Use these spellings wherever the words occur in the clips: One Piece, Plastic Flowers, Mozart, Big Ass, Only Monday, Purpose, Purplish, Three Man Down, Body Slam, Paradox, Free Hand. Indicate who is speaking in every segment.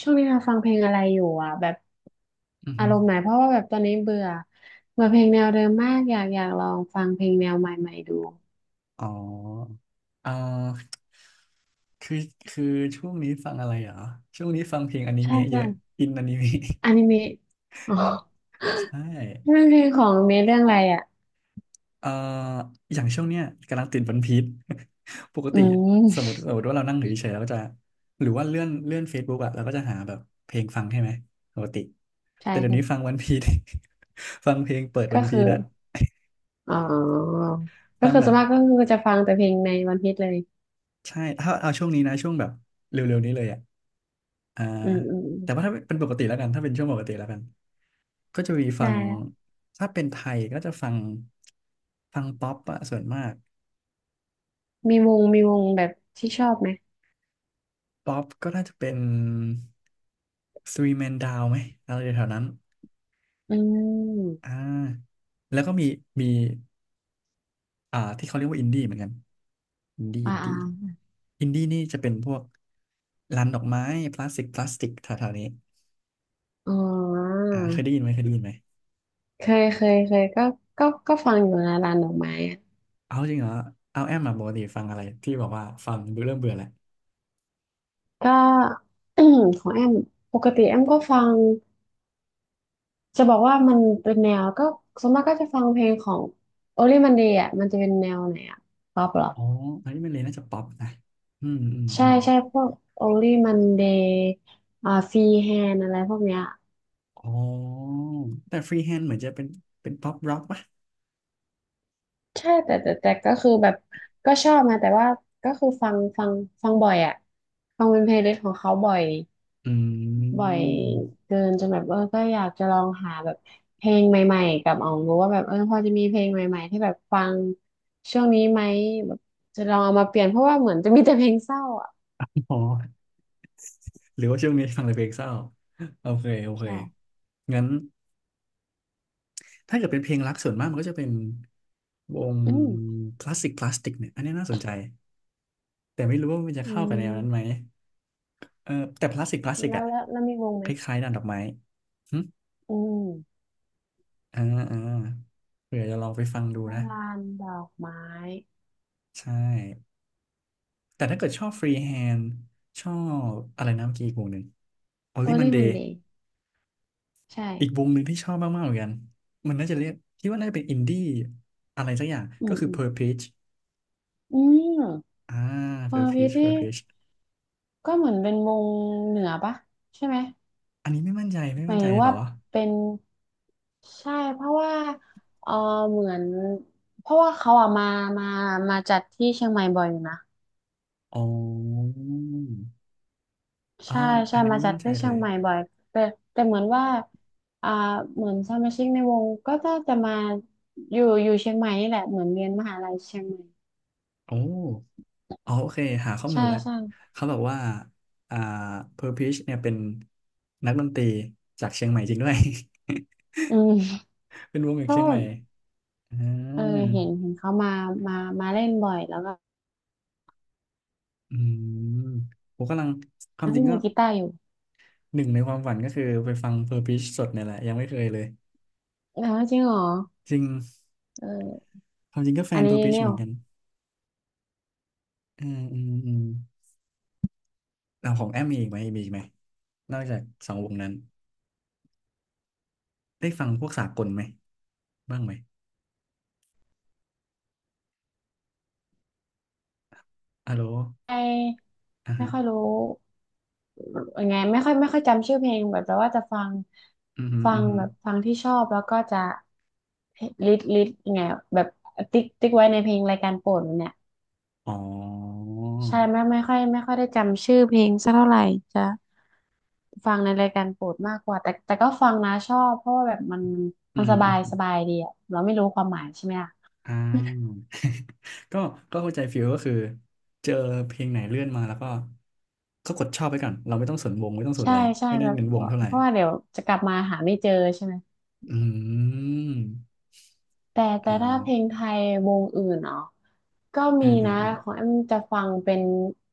Speaker 1: ช่วงนี้เราฟังเพลงอะไรอยู่อ่ะแบบ
Speaker 2: อือ
Speaker 1: อา
Speaker 2: ฮึ
Speaker 1: รมณ์ไหนเพราะว่าแบบตอนนี้เบื่อเบื่อเพลงแนวเดิมมากอยากอยากลองฟังเพลงแนวใหม่ๆดู
Speaker 2: อ๋ออ่าคือคือช่วงนี้ฟังอะไรเหรอช่วงนี้ฟังเพลงอนิ
Speaker 1: ใช่
Speaker 2: เมะเย
Speaker 1: ใช่
Speaker 2: อะอินอนิเมะ
Speaker 1: อนิเมะอ๋อ
Speaker 2: ใช่
Speaker 1: นั่นเพลงของอนิเมะเรื่องอะไรอ่ะ
Speaker 2: เอ่ออย่างช่วงเนี้ยกำลังติดวันพีช ปก
Speaker 1: อื
Speaker 2: ติสมม
Speaker 1: ม
Speaker 2: ติ สมมติว่าเรานั่งอยู่เฉยๆเราก็จะหรือว่าเลื่อน Facebook อะเราก็จะหาแบบเพลงฟังใช่ไหมปกติ
Speaker 1: ใช่
Speaker 2: แต่เดี๋ยว
Speaker 1: ใช่
Speaker 2: นี้ฟังวันพีช ฟังเพลงเปิดวั
Speaker 1: ก็
Speaker 2: นพี
Speaker 1: คือ
Speaker 2: ชอะ
Speaker 1: อ๋อก็
Speaker 2: ฟัง
Speaker 1: คือ
Speaker 2: แบ
Speaker 1: ส่ว
Speaker 2: บ
Speaker 1: นมากก็คือจะฟังแต่เพลงในวันพีซเลย
Speaker 2: ใช่ถ้าเอาช่วงนี้นะช่วงแบบเร็วๆนี้เลยอะอ่า
Speaker 1: อืมอืมอืม
Speaker 2: แต่ว่าถ้าเป็นปกติแล้วกันถ้าเป็นช่วงปกติแล้วกัน ก็จะมีฟั
Speaker 1: ได้
Speaker 2: ง
Speaker 1: ละ
Speaker 2: ถ้าเป็นไทยก็จะฟังฟังป๊อปอะส่วนมาก
Speaker 1: มีวงมีวงแบบที่ชอบไหม
Speaker 2: ป๊อปก็น่าจะเป็น Three Man Down ไหมอะไรแถวๆนั้น
Speaker 1: อืม
Speaker 2: อ่าแล้วก็มีอ่าที่เขาเรียกว่าอินดี้เหมือนกันอินดี้
Speaker 1: อ่า
Speaker 2: อิน
Speaker 1: อ่า
Speaker 2: ดี้อินดี้นี่จะเป็นพวกร้านดอกไม้พลาสติกแถวๆนี้
Speaker 1: อ๋อ
Speaker 2: อ่าเคยได้ยินไหมเคยได้ยินไหม
Speaker 1: เคยเคยเคยก็ก็ฟังอยู่นะร้านดอกไม้อะ
Speaker 2: เอาจริงเหรอเอาแอมมาปกติฟังอะไรที่บอกว่าฟังเบื่อเริ่มเบื่อแหละ
Speaker 1: ก็ ของแอม ปกติแอมก็ฟังจะบอกว่ามันเป็นแนวก็ส่วนมากก็จะฟังเพลงของ Only Monday อ่ะมันจะเป็นแนวไหนอ่ะป๊อปเหรอ
Speaker 2: อ๋ออันนี้มันเลยน่าจะป๊อปนะอืมอืมอื
Speaker 1: ใช่
Speaker 2: ม
Speaker 1: ใช่พวก Only Monday อ่า Free Hand อะไรพวกเนี้ย
Speaker 2: อ๋อ แต่ฟรีแฮนด์เหมือนจะเป็นเป็นป๊อปร็อกป่ะ
Speaker 1: ใช่แต่ก็คือแบบก็ชอบนะแต่ว่าก็คือฟังฟังบ่อยอ่ะ ฟังเป็นเพลย์ลิสต์ของเขาบ่อย
Speaker 2: อื
Speaker 1: บ่อย
Speaker 2: ม
Speaker 1: เกินจนแบบเออก็อยากจะลองหาแบบเพลงใหม่ๆกับอองรู้ว่าแบบเออพอจะมีเพลงใหม่ๆที่แบบฟังช่วงนี้ไหมแบบจะลองเอามาเปลี่ยนเพราะว่าเหมือนจะมีแต่เพลงเศร้าอ่ะ
Speaker 2: อ๋อ หรือว่าช่วงนี้ฟังแต่เพลงเศร้า โอเค โอเค
Speaker 1: ใช่
Speaker 2: งั้นถ้าเกิดเป็นเพลงรักส่วนมากมันก็จะเป็นวง
Speaker 1: อืม
Speaker 2: คลาสสิกคลาสติกเนี่ย อันนี้น่าสนใจ แต่ไม่รู้ว่ามันจะ
Speaker 1: อื
Speaker 2: เข้ากับแนวนั้นไหม
Speaker 1: ม
Speaker 2: เออ แต่คลาสสิกคลาสสิก
Speaker 1: แล้ว
Speaker 2: อะ
Speaker 1: แล้วแล้วมีวงไหม
Speaker 2: คล้ายๆดานดอกไม้หึ
Speaker 1: อืม
Speaker 2: อ่าอ่าเผื่อจะลองไปฟังดูนะ
Speaker 1: ลานดอกไม้
Speaker 2: ใช่แต่ถ้าเกิดชอบฟรีแฮนด์ชอบอะไรนะเมื่อกี้อีกวงหนึ่ง
Speaker 1: โอ
Speaker 2: Only
Speaker 1: เล่มั
Speaker 2: Monday
Speaker 1: นดีใช่
Speaker 2: อีกวงหนึ่งที่ชอบมากๆเหมือนกัน มันน่าจะเรียกคิดว่าน่าจะเป็นอินดี้อะไรสักอย่าง
Speaker 1: อื
Speaker 2: ก็
Speaker 1: ม
Speaker 2: คือ
Speaker 1: อืม
Speaker 2: Purplish
Speaker 1: อืม
Speaker 2: อ่า
Speaker 1: เปอร์พี
Speaker 2: Purplish
Speaker 1: นี่
Speaker 2: Purplish
Speaker 1: ก็เหมือนเป็นวงเหนือปะใช่ไหม
Speaker 2: อันนี้ไม่มั่นใจไม่
Speaker 1: หมา
Speaker 2: มั่น
Speaker 1: ย
Speaker 2: ใจ
Speaker 1: ถึง
Speaker 2: เหร
Speaker 1: ว่า
Speaker 2: อ
Speaker 1: เป็น ใช่เพราะว่าเออเหมือนเพราะว่าเขาอะมามาจัดที่เชียงใหม่บ่อยอยู่นะ
Speaker 2: อ๋ออ๋อ
Speaker 1: ใช่
Speaker 2: อั
Speaker 1: ใช่
Speaker 2: นนี้
Speaker 1: มา
Speaker 2: ไม่
Speaker 1: จั
Speaker 2: มั่
Speaker 1: ด
Speaker 2: นใจ
Speaker 1: ที่เชี
Speaker 2: เล
Speaker 1: ยง
Speaker 2: ย
Speaker 1: ใหม่บ่อยแต่แต่เหมือนว่าอ่าเหมือนสมาชิกในวงก็น่าจะมาอยู่เชียงใหม่นี่แหละเหมือนเรียนมหาลัยเชียงใหม่
Speaker 2: โอ้อ๋อโอเคหาข้อมู
Speaker 1: ใช่
Speaker 2: ลแล้ว
Speaker 1: ใช่
Speaker 2: เขาบอกว่า อ่า Purplish เนี่ยเป็นนักดนตรีจากเชียงใหม่จริงด้วย
Speaker 1: อืม
Speaker 2: เป็นวงจาก
Speaker 1: ก็
Speaker 2: เชียงใหม่อ่า
Speaker 1: เออเห็นเขามามาเล่นบ่อยแล้วก็
Speaker 2: อืมผมกำลังความจริ
Speaker 1: พี่
Speaker 2: งก็
Speaker 1: มือกีตาร์อยู่
Speaker 2: หนึ่งในความฝันก็คือไปฟัง Purpose สดเนี่ยแหละยังไม่เคยเลย
Speaker 1: แล้วจริงเหรอ
Speaker 2: จริง
Speaker 1: เออ
Speaker 2: ความจริงก็แฟ
Speaker 1: อัน
Speaker 2: น
Speaker 1: นี้
Speaker 2: Purpose
Speaker 1: เนี่
Speaker 2: เห
Speaker 1: ย
Speaker 2: มือนกันอืมอืมอืมเลาของแอมมีอีกไหมมีอีกไหมนอกจากสองวงนั้นได้ฟังพวกสากลไหมบ้างไหมอะโหล
Speaker 1: ไม่
Speaker 2: อ่า
Speaker 1: ไม่
Speaker 2: ฮะ
Speaker 1: ค่อยรู้ ยังไงไม่ค่อยจำชื่อเพลงแบบแต่ว่าจะ
Speaker 2: อืมฮึ
Speaker 1: ฟั
Speaker 2: อืม
Speaker 1: ง
Speaker 2: ฮึ
Speaker 1: แบบฟังที่ชอบแล้วก็จะลิดยังไงแบบติ๊กไว้ในเพลงรายการโปรดมันเนี่ย
Speaker 2: อ๋อ
Speaker 1: ใช่ไม่ค่อยได้จำชื่อเพลงสักเท่าไหร่จะฟังในรายการโปรดมากกว่าแต่ก็ฟังนะชอบเพราะว่าแบบมัน
Speaker 2: อื
Speaker 1: มั
Speaker 2: ม
Speaker 1: น
Speaker 2: อืมอ
Speaker 1: ส
Speaker 2: ม
Speaker 1: บายดีอะเราไม่รู้ความหมายใช่ไหมล่ะ
Speaker 2: อ่า ก็ก็เข้าใจฟิลก็คือเจอเพลงไหนเลื่อนมาแล้วก็ก็กดชอบไปก่อนเราไม่ต้องสนวงไม่ต้องสน
Speaker 1: ใช่
Speaker 2: อะไร
Speaker 1: ใช่
Speaker 2: ไม่ได้
Speaker 1: แบบ
Speaker 2: เน้นวงเท่าไหร่
Speaker 1: เพราะว่าเดี๋ยวจะกลับมาหาไม่เจอใช่ไหม
Speaker 2: อืม
Speaker 1: แต่
Speaker 2: อ่
Speaker 1: แต่ถ้าเพลง
Speaker 2: า
Speaker 1: ไทยวงอื่นเนาะก็
Speaker 2: อ่า
Speaker 1: มี
Speaker 2: อ
Speaker 1: นะของ
Speaker 2: ่า
Speaker 1: แอมจะฟังเป็น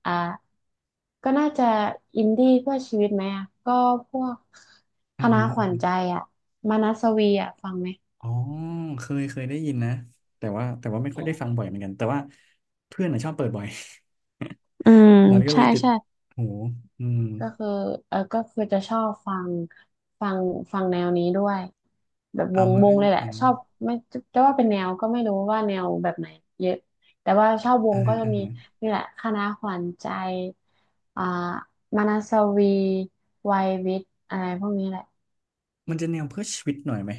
Speaker 1: อ่าก็น่าจะอินดี้เพื่อชีวิตไหมอ่ะก็พวกค
Speaker 2: อ่า
Speaker 1: ณะ
Speaker 2: ฮะ
Speaker 1: ข
Speaker 2: อา
Speaker 1: วัญใจ
Speaker 2: ฮะ
Speaker 1: อ่ะมานัสวีอ่ะฟังไหม
Speaker 2: อ๋อเคยเคยได้ยินนะแต่ว่าไม่ค่อยได้ฟังบ่อยเหมือนกันแต่ว่าเพื่อนน่ะชอบเปิดบ่อย
Speaker 1: อืม
Speaker 2: มันก็เล
Speaker 1: ใช่
Speaker 2: ยติด
Speaker 1: ใช่
Speaker 2: หูอืม
Speaker 1: ก็คือเออก็คือจะชอบฟังฟังแนวนี้ด้วยแบบ
Speaker 2: เอามัน
Speaker 1: ว
Speaker 2: ก็
Speaker 1: งเล
Speaker 2: จะ
Speaker 1: ยแหละ
Speaker 2: เป็น
Speaker 1: ชอบไม่จะว่าเป็นแนวก็ไม่รู้ว่าแนวแบบไหนเยอะแต่ว่าชอบว
Speaker 2: อ่า
Speaker 1: งก็
Speaker 2: ฮะ
Speaker 1: จะ
Speaker 2: อ่า
Speaker 1: มี
Speaker 2: ฮะ
Speaker 1: นี่แหละคณะขวัญใจอ่ามานาสวีวัยวิทย์อะไรพวกนี้แหละ
Speaker 2: มันจะแนวเพื่อชีวิตหน่อยไหม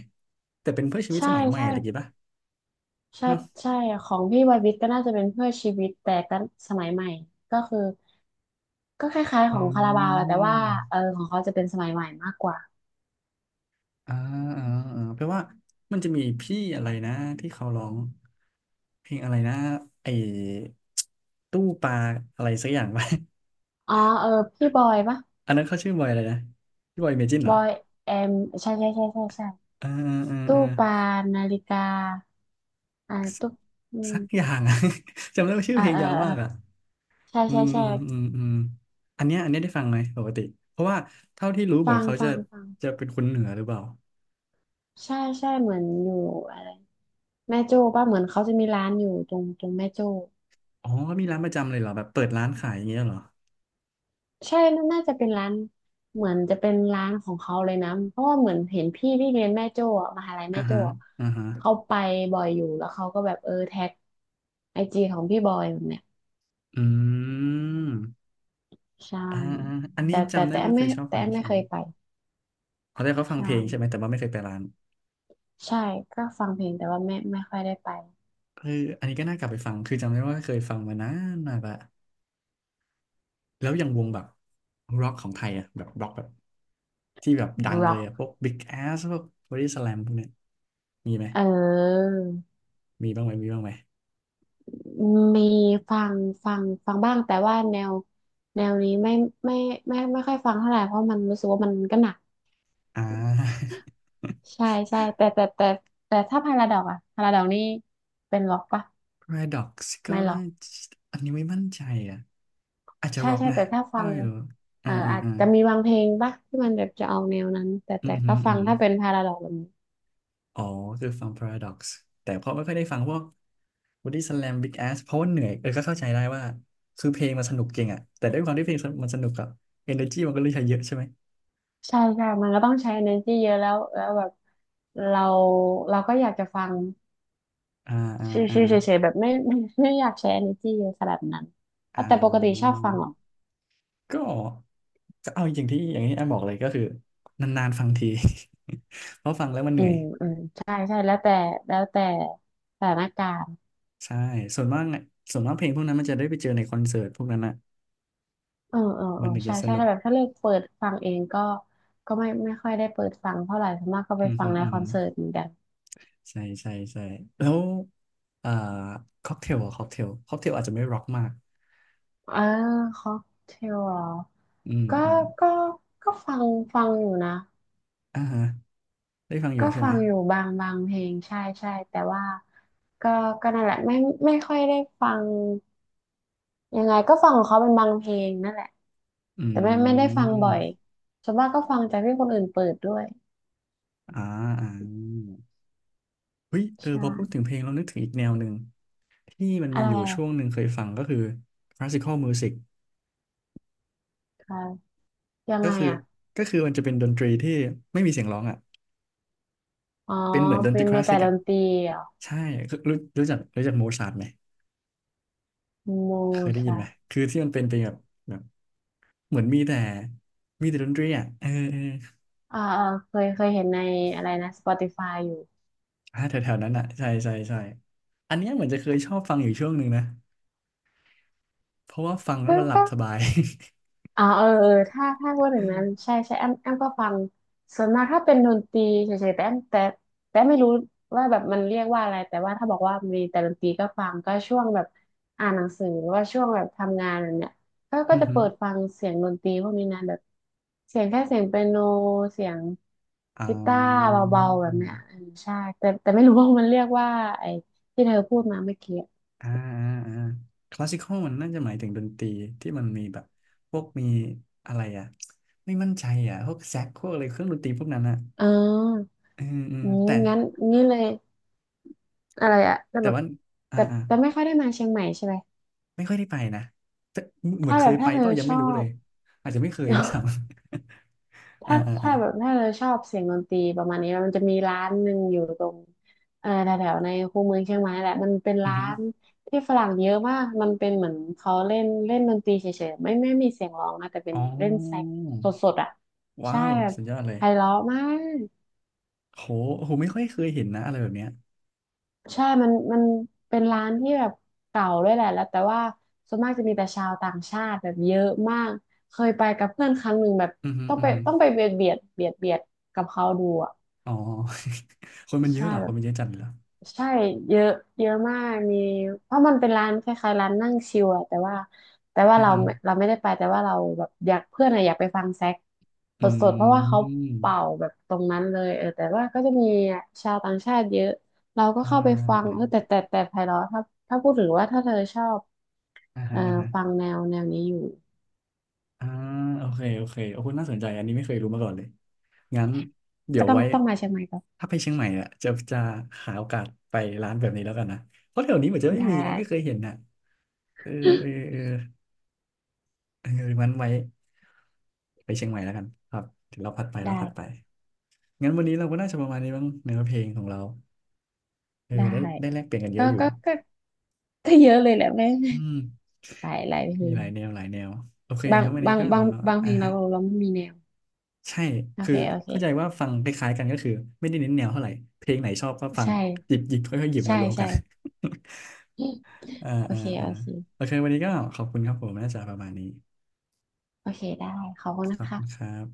Speaker 2: แต่เป็นเพื่อชีวิต
Speaker 1: ใช่
Speaker 2: สมัยใหม่
Speaker 1: ใช่
Speaker 2: อะไรอย่างงี้ป่ะ
Speaker 1: ใช่
Speaker 2: เนาะ
Speaker 1: ใช่ของพี่วัยวิทย์ก็น่าจะเป็นเพื่อชีวิตแต่ก็สมัยใหม่ก็คือก็คล้ายๆข
Speaker 2: อื
Speaker 1: องคาราบาวอะแต่ว่าเอ
Speaker 2: ม
Speaker 1: อของเขาจะเป็นสมัยใหม่มากกว่า
Speaker 2: อ่าอ่าอ่าเพราะว่ามันจะมีพี่อะไรนะที่เขาร้องเพลงอะไรนะไอ้ตู้ปลาอะไรสักอย่างไป
Speaker 1: อ๋อเออพี่บอยปะ
Speaker 2: อันนั้นเขาชื่อบอยอะไรนะพี่บอยเมจินเห
Speaker 1: บ
Speaker 2: รอ
Speaker 1: อยแอมใช่ใช่ใช่ใช่ใช่
Speaker 2: เออเออเอ
Speaker 1: ตู้
Speaker 2: อ
Speaker 1: ปลานาฬิกาอ่าตู้อืม
Speaker 2: สักอย่างอะ จำได้ว่าชื่อ
Speaker 1: อ่า
Speaker 2: เพลง
Speaker 1: เออ
Speaker 2: ยาว
Speaker 1: เออ
Speaker 2: มากอ่ะ
Speaker 1: ใช่
Speaker 2: อื
Speaker 1: ใช่
Speaker 2: มอื
Speaker 1: ใช่
Speaker 2: มอืมอืมอันเนี้ยได้ฟังไหมปกติเพราะว่าเท่าที่รู้เห
Speaker 1: ฟั
Speaker 2: มือน
Speaker 1: ง
Speaker 2: เขาจะ
Speaker 1: ฟังฟัง
Speaker 2: จะเป็นคนเหนือหรือเปล่า
Speaker 1: ใช่ใช่เหมือนอยู่อะไรแม่โจ้ป่ะเหมือนเขาจะมีร้านอยู่ตรงแม่โจ้
Speaker 2: อ๋อมีร้านประจำเลยเหรอแบบเปิดร้านขายอย่างเงี้ยเหรอ
Speaker 1: ใช่น่าจะเป็นร้านเหมือนจะเป็นร้านของเขาเลยนะเพราะว่าเหมือนเห็นพี่ที่เรียนแม่โจ้อะมหาลัย
Speaker 2: อ่า
Speaker 1: แม่โจ้
Speaker 2: ฮะ
Speaker 1: อะ
Speaker 2: อ่าฮะ
Speaker 1: เขาไปบ่อยอยู่แล้วเขาก็แบบเออแท็กไอจีของพี่บอยแบบเนี้ย
Speaker 2: อืม
Speaker 1: ใช่
Speaker 2: อ่าอาอันนี้จำได้ว่าเคยชอบ
Speaker 1: แต่
Speaker 2: ฟัง
Speaker 1: แอมไม่
Speaker 2: ใช่
Speaker 1: เค
Speaker 2: ไหม
Speaker 1: ยไป
Speaker 2: เขาได้เขาฟัง
Speaker 1: ใช่
Speaker 2: เพลงใช่ไหมแต่ว่าไม่เคยไปร้าน
Speaker 1: ใช่ก็ฟังเพลงแต่ว่าไม่ค่อยได้ไป
Speaker 2: เอออันนี้ก็น่ากลับไปฟังคือจำได้ว่าเคยฟังมานานมากละแล้วอย่างวงแบบร็อกของไทยอ่ะแบบร็อกแบบ ที่แบบดัง
Speaker 1: ร็
Speaker 2: เล
Speaker 1: อก
Speaker 2: ยอะพวก Big Ass พวก Body Slam พวกเนี้ยมีไหม
Speaker 1: เออ
Speaker 2: มีบ้างไหมมีบ้างไหม
Speaker 1: มีฟังฟังฟังบ้างแต่ว่าแนวนี้ไม่ไม่ค่อยฟังเท่าไหร่เพราะมันรู้สึกว่ามันก็หนัก
Speaker 2: อ่า
Speaker 1: ใช่ใช่แต่แต่ถ้าพาราดอกอะพาราดอกนี่เป็นร็อกปะ
Speaker 2: Paradox ก็
Speaker 1: ไม่ห็อ
Speaker 2: น่า
Speaker 1: ก
Speaker 2: จะอันนี้ไม่มั่นใจอ่ะอาจจะ
Speaker 1: ใช่
Speaker 2: Rock
Speaker 1: ใช่
Speaker 2: นะ
Speaker 1: แต่ถ้าฟั
Speaker 2: ไม่
Speaker 1: ง
Speaker 2: รู้
Speaker 1: เอ
Speaker 2: อ่า
Speaker 1: อ
Speaker 2: อ่า
Speaker 1: อาจ
Speaker 2: อ่า
Speaker 1: จะมีบางเพลงปะที่มันแบบจะออกแนวนั้นแต่
Speaker 2: อื
Speaker 1: แต่
Speaker 2: มฮึ
Speaker 1: ก็
Speaker 2: อื
Speaker 1: ฟั
Speaker 2: ม
Speaker 1: ง
Speaker 2: ฮึ
Speaker 1: ถ้าเป็นพาราดอกแบบนี้
Speaker 2: อ๋อคือฟัง Paradox แต่ก็ไม่ค่อยได้ฟังพวก Body Slam Big Ass เพราะว่าเหนื่อยเออก็เข้าใจได้ว่าคือเพลงมันสนุกจริงอ่ะแต่ด้วยความที่เพลงมันสนุกอะ energy มันก็เลยใช้เยอะใช่ไหม
Speaker 1: ใช่ใช่มันก็ต้องใช้ energy เยอะแล้วแบบเราเราก็อยากจะฟัง
Speaker 2: อ่าอ่า
Speaker 1: ช
Speaker 2: อ่า
Speaker 1: ิวๆเฉยๆแบบไม่ ไม่อยากใช้ energy เยอะขนาดนั้น
Speaker 2: อ่
Speaker 1: อ่ะแต่ปกติชอบฟังเหรอ
Speaker 2: า ก็ก็เอาอย่างที่อย่างที่แอมบอกเลยก็คือนานๆฟังที เพราะฟังแล้วมันเห
Speaker 1: อื
Speaker 2: นื่อย
Speaker 1: มอืมใช่ใช่แล้วแต่แล้วแต่สถานการณ์
Speaker 2: ใช่ส่วนมากอะส่วนมากเพลงพวกนั้นมันจะได้ไปเจอในคอนเสิร์ตพวกนั้นอ่ะ
Speaker 1: เออเออเอ
Speaker 2: มั
Speaker 1: อ
Speaker 2: นถึง
Speaker 1: ใช่
Speaker 2: จะส
Speaker 1: ใช่
Speaker 2: นุก
Speaker 1: ถ้าแบบถ้าเลือกเปิดฟังเองก็ก็ไม่ไม่ค่อยได้เปิดฟังเท่าไหร่ส่วนมากก็ไป
Speaker 2: อืม
Speaker 1: ฟั
Speaker 2: อื
Speaker 1: ง
Speaker 2: ม
Speaker 1: ใน
Speaker 2: อืม
Speaker 1: คอนเสิร์ตเหมือนกัน
Speaker 2: ใช่ใช่ใช่แล้วอ่าค็อกเทลอ่ะค็อกเทลค็อกเทลอาจจะไม่ร็อกมาก
Speaker 1: เออค็อกเทลเหรอ
Speaker 2: อืม
Speaker 1: ก็
Speaker 2: อืม
Speaker 1: ก็ก็ฟังฟังอยู่นะ
Speaker 2: อ่าฮะได้ฟังอยู่
Speaker 1: ก็
Speaker 2: ใช่
Speaker 1: ฟั
Speaker 2: ไหม
Speaker 1: งอยู่บางเพลงใช่ใช่แต่ว่าก็ก็นั่นแหละไม่ไม่ค่อยได้ฟัง ยังไงก็ฟังของเขาเป็นบางเพลงนั่นแหละ
Speaker 2: อื
Speaker 1: แต่ไม่ไม่ได้ฟังบ่อย
Speaker 2: ม
Speaker 1: ส่วนมากก็ฟังจากที่คนอื่นเปิดด้วย
Speaker 2: อ่าอ่าเฮ้ยเอ
Speaker 1: ใ
Speaker 2: อพอพูด
Speaker 1: ช่
Speaker 2: ถึงเพลงเรานึกถึงอีกแนวหนึ่งที่มัน
Speaker 1: อะ
Speaker 2: มี
Speaker 1: ไร
Speaker 2: อยู่ช่วงหนึ่งเคยฟังก็คือ classical music
Speaker 1: คะยัง
Speaker 2: ก็
Speaker 1: ไง
Speaker 2: คือ
Speaker 1: อ่ะ
Speaker 2: ก็คือมันจะเป็นดนตรีที่ไม่มีเสียงร้องอ่ะ
Speaker 1: อ๋อ
Speaker 2: เป็นเหมือนดนต
Speaker 1: เป็
Speaker 2: รี
Speaker 1: น
Speaker 2: ค
Speaker 1: เม
Speaker 2: ลาส
Speaker 1: แต่
Speaker 2: สิก
Speaker 1: ด
Speaker 2: อ่ะ
Speaker 1: นตรีเหรอ
Speaker 2: ใช่คือรู้รู้จักรู้จักโมซาร์ทไหม
Speaker 1: โม
Speaker 2: เคยได้ยิน
Speaker 1: ซา
Speaker 2: ไหมคือที่มันเป็นเป็นแบบแบบเหมือนมีแต่มีแต่ดนตรีอ่ะเออเออ
Speaker 1: อ่าอ่าเคยเคยเห็นในอะไรนะ Spotify อยู่
Speaker 2: แถวๆนั้นอ่ะใช่ใช่ใช่อันเนี้ยเหมือนจะเคยชอบฟังอยู่ช่วงหนึ่งนะเพราะว่าฟังแล้ว
Speaker 1: ก็
Speaker 2: มันหลับ
Speaker 1: ก็
Speaker 2: สบาย
Speaker 1: เออเออถ้าถ้าพูดถึงนั้นใช่ใช่แอมแอมก็ฟังส่วนมากถ้าเป็นดนตรีเฉยๆแต่แอมแต่แต่ไม่รู้ว่าแบบมันเรียกว่าอะไรแต่ว่าถ้าบอกว่ามีแต่ดนตรีก็ฟังก็ช่วงแบบอ่านหนังสือหรือว่าช่วงแบบทำงานแบบเนี่ยก็ ก็
Speaker 2: อือ
Speaker 1: จะ
Speaker 2: ฮึ
Speaker 1: เปิดฟังเสียงดนตรีพวกนี้นะแบบเสียงแค่เสียงเปียโนเสียง
Speaker 2: อ๋
Speaker 1: กีตาร์เบาๆแบบเนี้ยเอ
Speaker 2: อ
Speaker 1: อใช่แต่แต่ไม่รู้ว่ามันเรียกว่าไอ้ที่เธอพูดมาเมื่อกี้อ
Speaker 2: อ่าอ่าคลาสสิคอลมันน่าจะหมายถึงดนตรีที่มันมีแบบพวกมีอะไรอ่ะไม่มั่นใจอ่ะพวกแซกพวกอะไรเครื่องดนตรีพวกนั้นอ่ะ
Speaker 1: เออ
Speaker 2: อืมอืม
Speaker 1: อืม
Speaker 2: แต่
Speaker 1: งั้นงี้เลย อะไรอะแต่
Speaker 2: แต่
Speaker 1: แบบ
Speaker 2: ว่าอ่า
Speaker 1: แต่
Speaker 2: อ่า
Speaker 1: แต่ไม่ค่อยได้มาเชียงใหม่ใช่ไหม
Speaker 2: ไม่ค่อยได้ไปนะแต่เหมือ
Speaker 1: ถ้า
Speaker 2: นเค
Speaker 1: แบ
Speaker 2: ย
Speaker 1: บ
Speaker 2: ไป
Speaker 1: ถ้าเธ
Speaker 2: เป
Speaker 1: อ
Speaker 2: ล่ายัง
Speaker 1: ช
Speaker 2: ไม่
Speaker 1: อ
Speaker 2: รู้เล
Speaker 1: บ
Speaker 2: ยอาจจะไม่เคยด้วยซ้ ำ อ่า
Speaker 1: ถ้า
Speaker 2: อ่าอ่า
Speaker 1: ถ้าแบบถ้าเธอชอบเสียงดนตรีประมาณนี้มันจะมีร้านหนึ่งอยู่ตรงแถวๆในคูเมืองเชียงใหม่นั่นแหละมันเป็น
Speaker 2: อือ
Speaker 1: ร้า
Speaker 2: ฮึ
Speaker 1: นที่ฝรั่งเยอะมากมันเป็นเหมือนเขาเล่นเล่นดนตรีเฉยๆไม่ไม่มีเสียงร้องนะแต่เป็น
Speaker 2: อ๋
Speaker 1: เล่นแซก
Speaker 2: อ
Speaker 1: สดๆอ่ะ
Speaker 2: ว้า
Speaker 1: ใช่
Speaker 2: ว
Speaker 1: แบบ
Speaker 2: สุดยอดเลย
Speaker 1: ไพเราะมาก
Speaker 2: โหโหไม่ค่อยเคยเห็นนะอะไรแบบเนี้ย
Speaker 1: ใช่มันเป็นร้านที่แบบเก่าด้วยแหละแล้วแต่ว่าส่วนมากจะมีแต่ชาวต่างชาติแบบเยอะมาก เคยไปกับเพื่อนครั้งหนึ่งแบบ
Speaker 2: อือฮึ
Speaker 1: ต้อง
Speaker 2: อื
Speaker 1: ไป
Speaker 2: อฮึ
Speaker 1: ต้องไปเบียดกับเขาดูอ่ะ
Speaker 2: อ๋อ คนมันเยอะ
Speaker 1: ใช่
Speaker 2: เหรอ
Speaker 1: แบ
Speaker 2: คน
Speaker 1: บ
Speaker 2: มันเยอะจัดเลยเหรอ
Speaker 1: ใช่เยอะเยอะมากมีเพราะมันเป็นร้านคล้ายๆร้านนั่งชิลอะแต่ว่าแต่ว่า
Speaker 2: อือ
Speaker 1: เรา
Speaker 2: ฮึ
Speaker 1: ไม่เราไม่ได้ไปแต่ว่าเราแบบอยากเพื่อนอะอยากไปฟังแซก
Speaker 2: อ
Speaker 1: สดๆเพราะ
Speaker 2: ื
Speaker 1: ว่าเขาเป่า
Speaker 2: ม
Speaker 1: แบบตรงนั้นเลยเออแต่ว่าก็จะมีชาวต่างชาติเยอะเราก็
Speaker 2: อ่
Speaker 1: เข้าไปฟัง
Speaker 2: า
Speaker 1: เออแต่แต่แต่ไพเราะถ้าถ้าพูดถึงว่าถ้าเธอชอบ
Speaker 2: อ่า
Speaker 1: เอ่
Speaker 2: ฮะ
Speaker 1: อ
Speaker 2: อ่าฮะ
Speaker 1: ฟังแนวแนวนี้อยู่
Speaker 2: อ่าโอเคโอเคโอ้โหน่าสนใจอันนี้ไม่เคยรู้มาก่อนเลยงั้นเดี๋
Speaker 1: ก็
Speaker 2: ยว
Speaker 1: ต้อง
Speaker 2: ไว้
Speaker 1: ต้องมาเชียงใหม่ก็
Speaker 2: ถ้าไปเชียงใหม่อ่ะจะหาโอกาสไปร้านแบบนี้แล้วกันนะเพราะแถวนี้เหมือนจะไม่
Speaker 1: ได้
Speaker 2: มีนะไม่เคยเห็นนะเออเออเอ อเอองั้นไว้ไปเชียงใหม่แล้วกันครับเดี๋ยวเราผัดไป
Speaker 1: ได้
Speaker 2: เราถัดไปงั้นวันนี้เราก็น่าจะประมาณนี้บ้างเนื้อเพลงของเราเออ
Speaker 1: ได้
Speaker 2: ได้ได้แลกเปลี่ยนกันเย
Speaker 1: ก็
Speaker 2: อะอยู่
Speaker 1: ก็ก็ก็เยอะเลยแหละแม่
Speaker 2: อืม
Speaker 1: ไปหลายเพล
Speaker 2: มีห
Speaker 1: ง
Speaker 2: ลายแนวหลายแนวโอเค
Speaker 1: บาง
Speaker 2: งั้นวัน
Speaker 1: บา
Speaker 2: นี้
Speaker 1: ง
Speaker 2: ก็
Speaker 1: บางบางเพ
Speaker 2: อ่า
Speaker 1: ลงเรา
Speaker 2: ฮะ
Speaker 1: เราไม่มีแนว
Speaker 2: ใช่
Speaker 1: โอ
Speaker 2: คือ
Speaker 1: เคโอเค
Speaker 2: เข้าใจว่าฟังคล้ายๆกันก็คือไม่ได้เน้นแนวเท่าไหร่ เพลงไหนชอบก็ฟัง
Speaker 1: ใช่
Speaker 2: หยิบหยิบค่อยๆหยิบ
Speaker 1: ใช่
Speaker 2: มารวมกั
Speaker 1: ใช่
Speaker 2: น อ่า
Speaker 1: โอ
Speaker 2: อ่า
Speaker 1: เค
Speaker 2: อ่า
Speaker 1: โอเค
Speaker 2: โอเควันนี้ก็ขอบคุณครับผมน่าจะประมาณนี้
Speaker 1: โอเคได้ขอบคุณ
Speaker 2: ข
Speaker 1: นะ
Speaker 2: อบ
Speaker 1: คะ
Speaker 2: คุณครับ